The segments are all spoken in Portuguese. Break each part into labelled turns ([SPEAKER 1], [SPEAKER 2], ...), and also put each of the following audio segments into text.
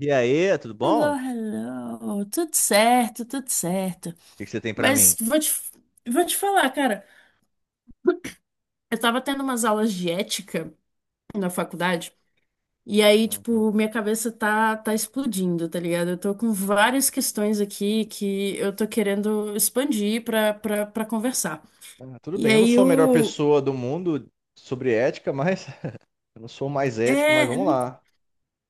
[SPEAKER 1] E aí, tudo bom?
[SPEAKER 2] Hello,
[SPEAKER 1] O
[SPEAKER 2] hello. Tudo certo, tudo certo.
[SPEAKER 1] que que você tem pra
[SPEAKER 2] Mas
[SPEAKER 1] mim?
[SPEAKER 2] vou te, vou te falar, cara. Eu tava tendo umas aulas de ética na faculdade, e aí,
[SPEAKER 1] Uhum.
[SPEAKER 2] tipo, minha cabeça tá explodindo, tá ligado? Eu tô com várias questões aqui que eu tô querendo expandir pra conversar.
[SPEAKER 1] Ah, tudo
[SPEAKER 2] E
[SPEAKER 1] bem, eu não
[SPEAKER 2] aí,
[SPEAKER 1] sou a melhor
[SPEAKER 2] o.
[SPEAKER 1] pessoa do mundo sobre ética, mas eu não sou o mais ético, mas
[SPEAKER 2] É.
[SPEAKER 1] vamos lá.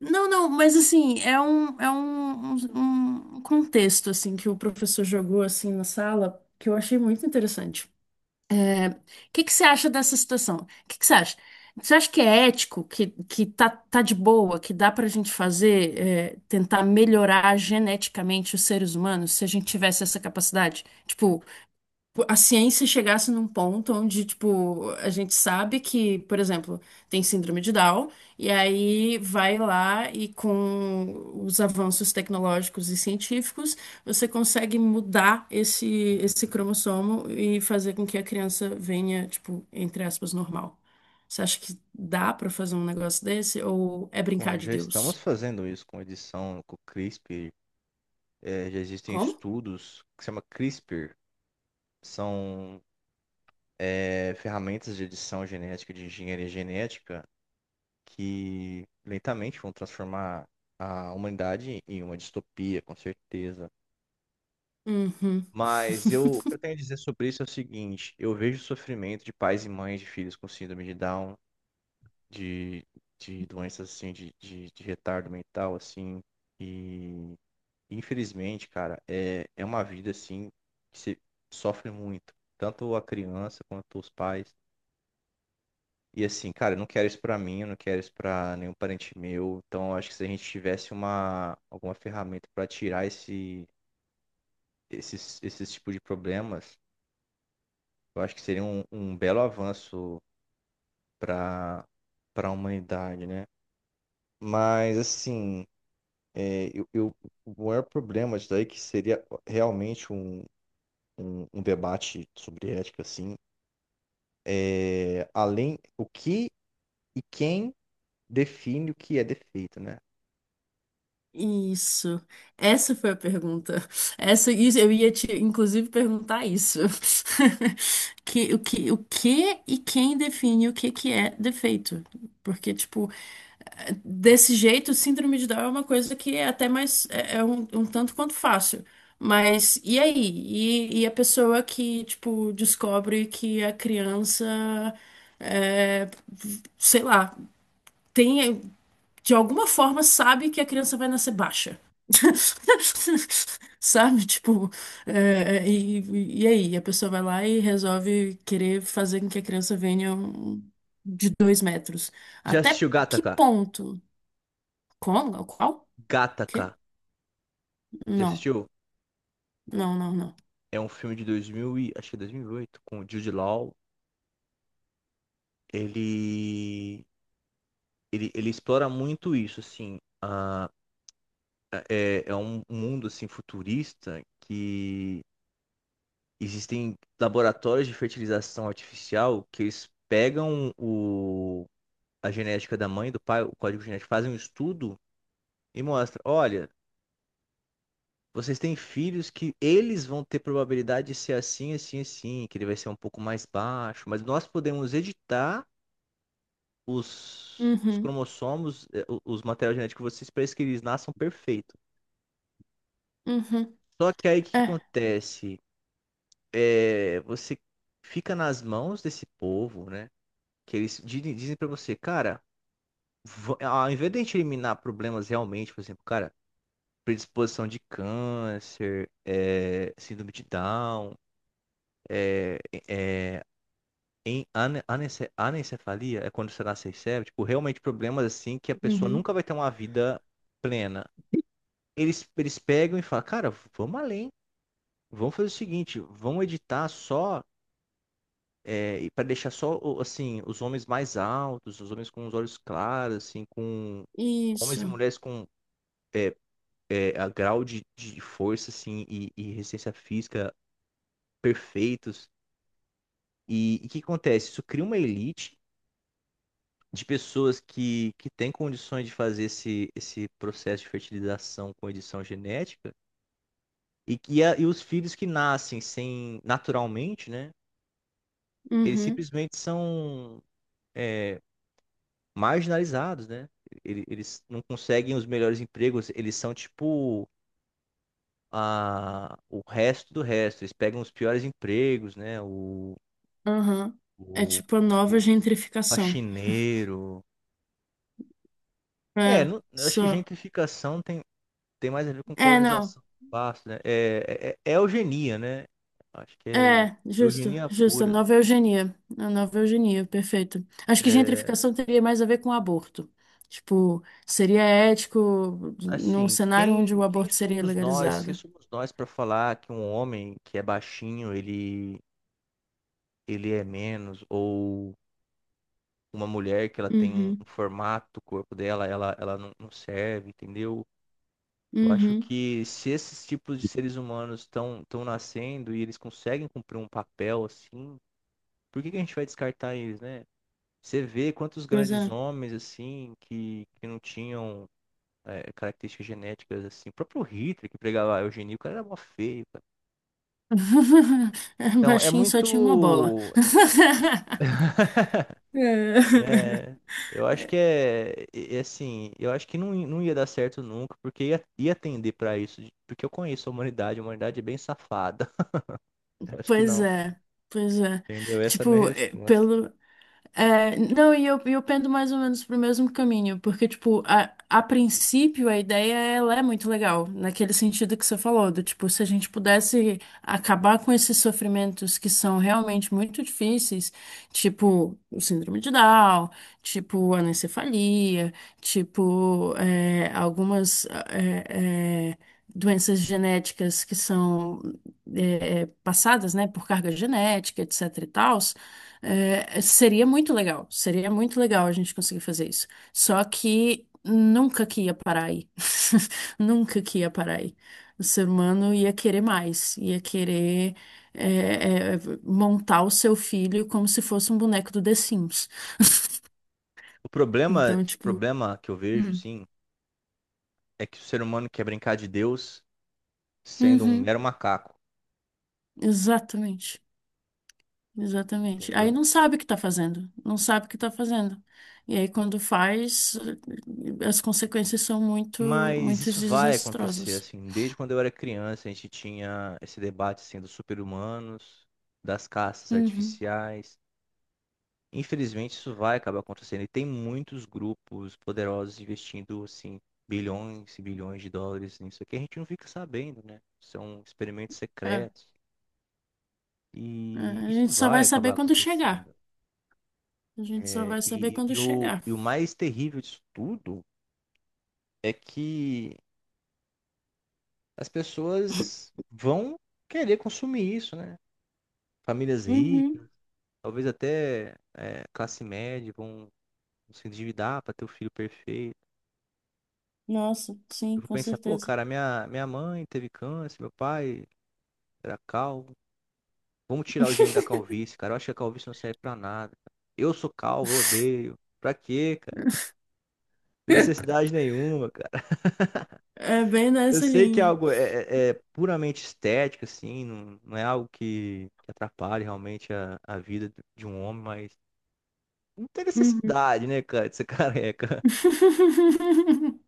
[SPEAKER 2] Não, não, mas assim, é um contexto, assim, que o professor jogou, assim, na sala, que eu achei muito interessante. O que que você acha dessa situação? O que que você acha? Você acha que é ético, que, que tá de boa, que dá pra gente fazer, tentar melhorar geneticamente os seres humanos se a gente tivesse essa capacidade? Tipo, a ciência chegasse num ponto onde, tipo, a gente sabe que, por exemplo, tem síndrome de Down, e aí vai lá e com os avanços tecnológicos e científicos, você consegue esse cromossomo e fazer com que a criança venha, tipo, entre aspas, normal. Você acha que dá pra fazer um negócio desse ou é
[SPEAKER 1] Bom,
[SPEAKER 2] brincar de
[SPEAKER 1] já estamos
[SPEAKER 2] Deus?
[SPEAKER 1] fazendo isso com edição, com CRISPR. É, já existem
[SPEAKER 2] Como?
[SPEAKER 1] estudos que se chama CRISPR. São, ferramentas de edição genética, de engenharia genética, que lentamente vão transformar a humanidade em uma distopia, com certeza.
[SPEAKER 2] Uhum.
[SPEAKER 1] Mas eu, o que eu tenho a dizer sobre isso é o seguinte: eu vejo o sofrimento de pais e mães de filhos com síndrome de Down, de, de doenças assim, de retardo mental, assim, e infelizmente, cara, é uma vida assim que se sofre muito, tanto a criança quanto os pais. E assim, cara, eu não quero isso pra mim, eu não quero isso pra nenhum parente meu. Então, eu acho que se a gente tivesse uma, alguma ferramenta pra tirar esse, esses tipos de problemas. Eu acho que seria um belo avanço para para a humanidade, né? Mas, assim, é, eu, eu- o maior problema disso daí é que seria realmente um debate sobre ética, assim, além o que e quem define o que é defeito, né?
[SPEAKER 2] Isso. Essa foi a pergunta. Essa, isso, eu ia te, inclusive, perguntar isso. O que e quem define o que que é defeito? Porque, tipo, desse jeito, síndrome de Down é uma coisa que é até mais, é um, um tanto quanto fácil. Mas, e aí? E a pessoa que, tipo, descobre que a criança, é, sei lá, tem de alguma forma sabe que a criança vai nascer baixa. Sabe? Tipo, e aí? A pessoa vai lá e resolve querer fazer com que a criança venha um- de dois metros.
[SPEAKER 1] Já
[SPEAKER 2] Até
[SPEAKER 1] assistiu
[SPEAKER 2] que
[SPEAKER 1] Gattaca?
[SPEAKER 2] ponto? Como? Qual? Quê?
[SPEAKER 1] Gattaca. Já
[SPEAKER 2] Não,
[SPEAKER 1] assistiu?
[SPEAKER 2] não, não, não.
[SPEAKER 1] É um filme de, acho que é 2008 com o Jude Law. Ele, ele explora muito isso, assim. É um mundo assim futurista que existem laboratórios de fertilização artificial que eles pegam a genética da mãe e do pai, o código genético, fazem um estudo e mostra, olha, vocês têm filhos que eles vão ter probabilidade de ser assim, assim, assim, que ele vai ser um pouco mais baixo, mas nós podemos editar os
[SPEAKER 2] Uhum,
[SPEAKER 1] cromossomos, os materiais genéticos de vocês para que eles nasçam perfeitos.
[SPEAKER 2] uhum,
[SPEAKER 1] Só que aí o que que
[SPEAKER 2] é,
[SPEAKER 1] acontece? Você fica nas mãos desse povo, né? Que eles dizem pra você, cara, ao invés de a gente eliminar problemas realmente, por exemplo, cara, predisposição de câncer, síndrome de Down, é, é, em anencefalia, é quando você nasce cérebro, tipo, realmente problemas assim que a pessoa
[SPEAKER 2] uhum.
[SPEAKER 1] nunca vai ter uma vida plena. Eles pegam e falam, cara, vamos além. Vamos fazer o seguinte, vamos editar só. É, e para deixar só, assim, os homens mais altos, os homens com os olhos claros, assim, com homens e
[SPEAKER 2] Isso,
[SPEAKER 1] mulheres com é, a grau de força, assim, e resistência física perfeitos. E o que acontece? Isso cria uma elite de pessoas que têm condições de fazer esse processo de fertilização com edição genética e que e os filhos que nascem sem naturalmente, né? Eles
[SPEAKER 2] uhum,
[SPEAKER 1] simplesmente são eh, marginalizados, né? Eles não conseguem os melhores empregos, eles são tipo o resto do resto. Eles pegam os piores empregos, né?
[SPEAKER 2] uhum. É
[SPEAKER 1] O
[SPEAKER 2] tipo a nova
[SPEAKER 1] Tipo,
[SPEAKER 2] gentrificação.
[SPEAKER 1] faxineiro. É,
[SPEAKER 2] É,
[SPEAKER 1] eu acho que
[SPEAKER 2] só.
[SPEAKER 1] gentrificação tem mais a ver com
[SPEAKER 2] É, não.
[SPEAKER 1] colonização do espaço, né? É eugenia, né? Acho que é
[SPEAKER 2] É, justo,
[SPEAKER 1] eugenia
[SPEAKER 2] justo. A
[SPEAKER 1] pura.
[SPEAKER 2] nova eugenia. A nova eugenia, perfeito. Acho que
[SPEAKER 1] É,
[SPEAKER 2] gentrificação teria mais a ver com aborto. Tipo, seria ético num
[SPEAKER 1] assim,
[SPEAKER 2] cenário onde o
[SPEAKER 1] quem
[SPEAKER 2] aborto seria
[SPEAKER 1] somos nós? Quem
[SPEAKER 2] legalizado.
[SPEAKER 1] somos nós para falar que um homem que é baixinho, ele é menos, ou uma mulher que ela tem um
[SPEAKER 2] Uhum,
[SPEAKER 1] formato, o corpo dela, ela não serve, entendeu? Eu acho
[SPEAKER 2] uhum.
[SPEAKER 1] que se esses tipos de seres humanos estão nascendo e eles conseguem cumprir um papel assim, por que que a gente vai descartar eles, né? Você vê quantos
[SPEAKER 2] Pois é.
[SPEAKER 1] grandes homens assim que não tinham características genéticas assim, o próprio Hitler que pregava a eugenia, o cara era mó feio, cara. Então, é
[SPEAKER 2] Baixinho só tinha uma bola.
[SPEAKER 1] muito
[SPEAKER 2] É.
[SPEAKER 1] né? Eu acho que é assim, eu acho que não, não ia dar certo nunca, porque ia tender pra isso, porque eu conheço a humanidade é bem safada. Eu acho que
[SPEAKER 2] Pois
[SPEAKER 1] não,
[SPEAKER 2] é, pois é.
[SPEAKER 1] entendeu? Essa é a minha
[SPEAKER 2] Tipo, é,
[SPEAKER 1] resposta.
[SPEAKER 2] pelo. É, não, e eu pendo mais ou menos pro mesmo caminho, porque, tipo, a princípio a ideia ela é muito legal, naquele sentido que você falou, do tipo, se a gente pudesse acabar com esses sofrimentos que são realmente muito difíceis, tipo o síndrome de Down, tipo anencefalia, tipo algumas é, é, doenças genéticas que são passadas, né, por carga genética, etc e tal. É, seria muito legal a gente conseguir fazer isso. Só que nunca que ia parar aí. Nunca que ia parar aí. O ser humano ia querer mais, ia querer é, é, montar o seu filho como se fosse um boneco do The Sims.
[SPEAKER 1] O problema,
[SPEAKER 2] Então, tipo,
[SPEAKER 1] problema que eu vejo,
[SPEAKER 2] Hum.
[SPEAKER 1] sim, é que o ser humano quer brincar de Deus sendo um
[SPEAKER 2] Uhum,
[SPEAKER 1] mero macaco,
[SPEAKER 2] exatamente, exatamente. Aí
[SPEAKER 1] entendeu?
[SPEAKER 2] não sabe o que tá fazendo, não sabe o que tá fazendo. E aí, quando faz, as consequências são muito,
[SPEAKER 1] Mas
[SPEAKER 2] muito
[SPEAKER 1] isso vai acontecer,
[SPEAKER 2] desastrosas.
[SPEAKER 1] assim, desde quando eu era criança, a gente tinha esse debate, assim, dos super-humanos, das caças
[SPEAKER 2] Uhum.
[SPEAKER 1] artificiais. Infelizmente, isso vai acabar acontecendo. E tem muitos grupos poderosos investindo, assim, bilhões e bilhões de dólares nisso aqui. A gente não fica sabendo, né? São experimentos
[SPEAKER 2] É,
[SPEAKER 1] secretos. E
[SPEAKER 2] a
[SPEAKER 1] isso
[SPEAKER 2] gente só
[SPEAKER 1] vai
[SPEAKER 2] vai
[SPEAKER 1] acabar
[SPEAKER 2] saber quando chegar.
[SPEAKER 1] acontecendo.
[SPEAKER 2] A gente só
[SPEAKER 1] É,
[SPEAKER 2] vai saber quando chegar.
[SPEAKER 1] e o mais terrível disso tudo é que as pessoas vão querer consumir isso, né? Famílias
[SPEAKER 2] Uhum.
[SPEAKER 1] ricas, talvez até classe média, vão se endividar para ter o filho perfeito.
[SPEAKER 2] Nossa, sim,
[SPEAKER 1] Eu vou
[SPEAKER 2] com
[SPEAKER 1] pensar, pô,
[SPEAKER 2] certeza.
[SPEAKER 1] cara, minha mãe teve câncer, meu pai era calvo. Vamos tirar o gene da calvície, cara. Eu acho que a calvície não serve pra nada. Eu sou calvo, eu odeio. Pra quê, cara? Não tem necessidade nenhuma, cara.
[SPEAKER 2] É bem
[SPEAKER 1] Eu
[SPEAKER 2] nessa
[SPEAKER 1] sei que é
[SPEAKER 2] linha.
[SPEAKER 1] algo é puramente estético, assim, não é algo que atrapalhe realmente a vida de um homem, mas não tem
[SPEAKER 2] Uhum.
[SPEAKER 1] necessidade, né, cara, de ser careca.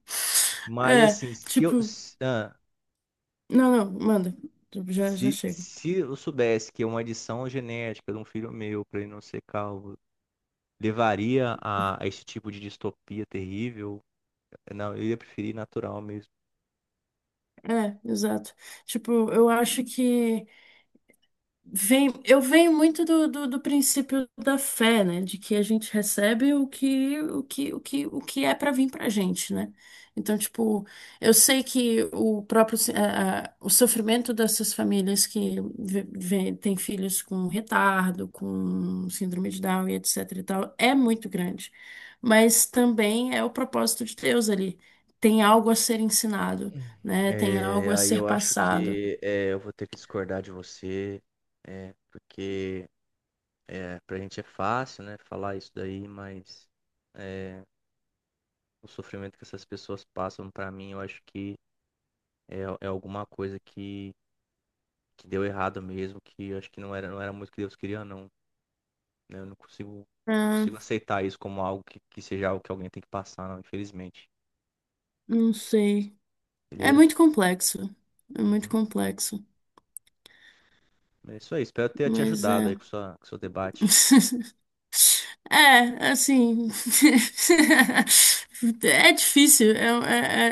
[SPEAKER 1] Mas
[SPEAKER 2] É,
[SPEAKER 1] assim, se eu.
[SPEAKER 2] tipo,
[SPEAKER 1] Se- ah,
[SPEAKER 2] não, não, manda. Tipo, já, já
[SPEAKER 1] Se,
[SPEAKER 2] chega.
[SPEAKER 1] se eu soubesse que uma adição genética de um filho meu para ele não ser calvo levaria a esse tipo de distopia terrível, não, eu ia preferir natural mesmo.
[SPEAKER 2] É, exato. Tipo, eu acho que vem, eu venho muito do princípio da fé, né? De que a gente recebe o que é para vir pra gente, né? Então, tipo, eu sei que o próprio se- a- o sofrimento dessas famílias que têm filhos com retardo, com síndrome de Down e etc e tal, é muito grande. Mas também é o propósito de Deus ali. Tem algo a ser ensinado, né? Tem algo
[SPEAKER 1] É,
[SPEAKER 2] a
[SPEAKER 1] aí
[SPEAKER 2] ser
[SPEAKER 1] eu acho
[SPEAKER 2] passado.
[SPEAKER 1] que eu vou ter que discordar de você, porque pra gente é fácil, né, falar isso daí, mas é, o sofrimento que essas pessoas passam, pra mim, eu acho que é alguma coisa que deu errado mesmo, que eu acho que não era muito que Deus queria, não. né? Eu não consigo, Não
[SPEAKER 2] Ah,
[SPEAKER 1] consigo aceitar isso como algo que seja algo que alguém tem que passar, não, infelizmente.
[SPEAKER 2] não sei. É
[SPEAKER 1] Beleza?
[SPEAKER 2] muito complexo. É muito
[SPEAKER 1] Uhum.
[SPEAKER 2] complexo.
[SPEAKER 1] É isso aí. Espero ter te
[SPEAKER 2] Mas
[SPEAKER 1] ajudado aí
[SPEAKER 2] é.
[SPEAKER 1] com seu debate.
[SPEAKER 2] É, assim. É difícil, é,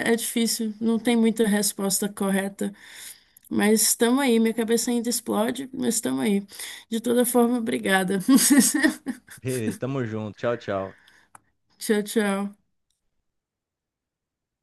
[SPEAKER 2] é, é difícil. Não tem muita resposta correta. Mas estamos aí. Minha cabeça ainda explode, mas estamos aí. De toda forma, obrigada.
[SPEAKER 1] Beleza, tamo junto. Tchau, tchau.
[SPEAKER 2] Tchau, tchau.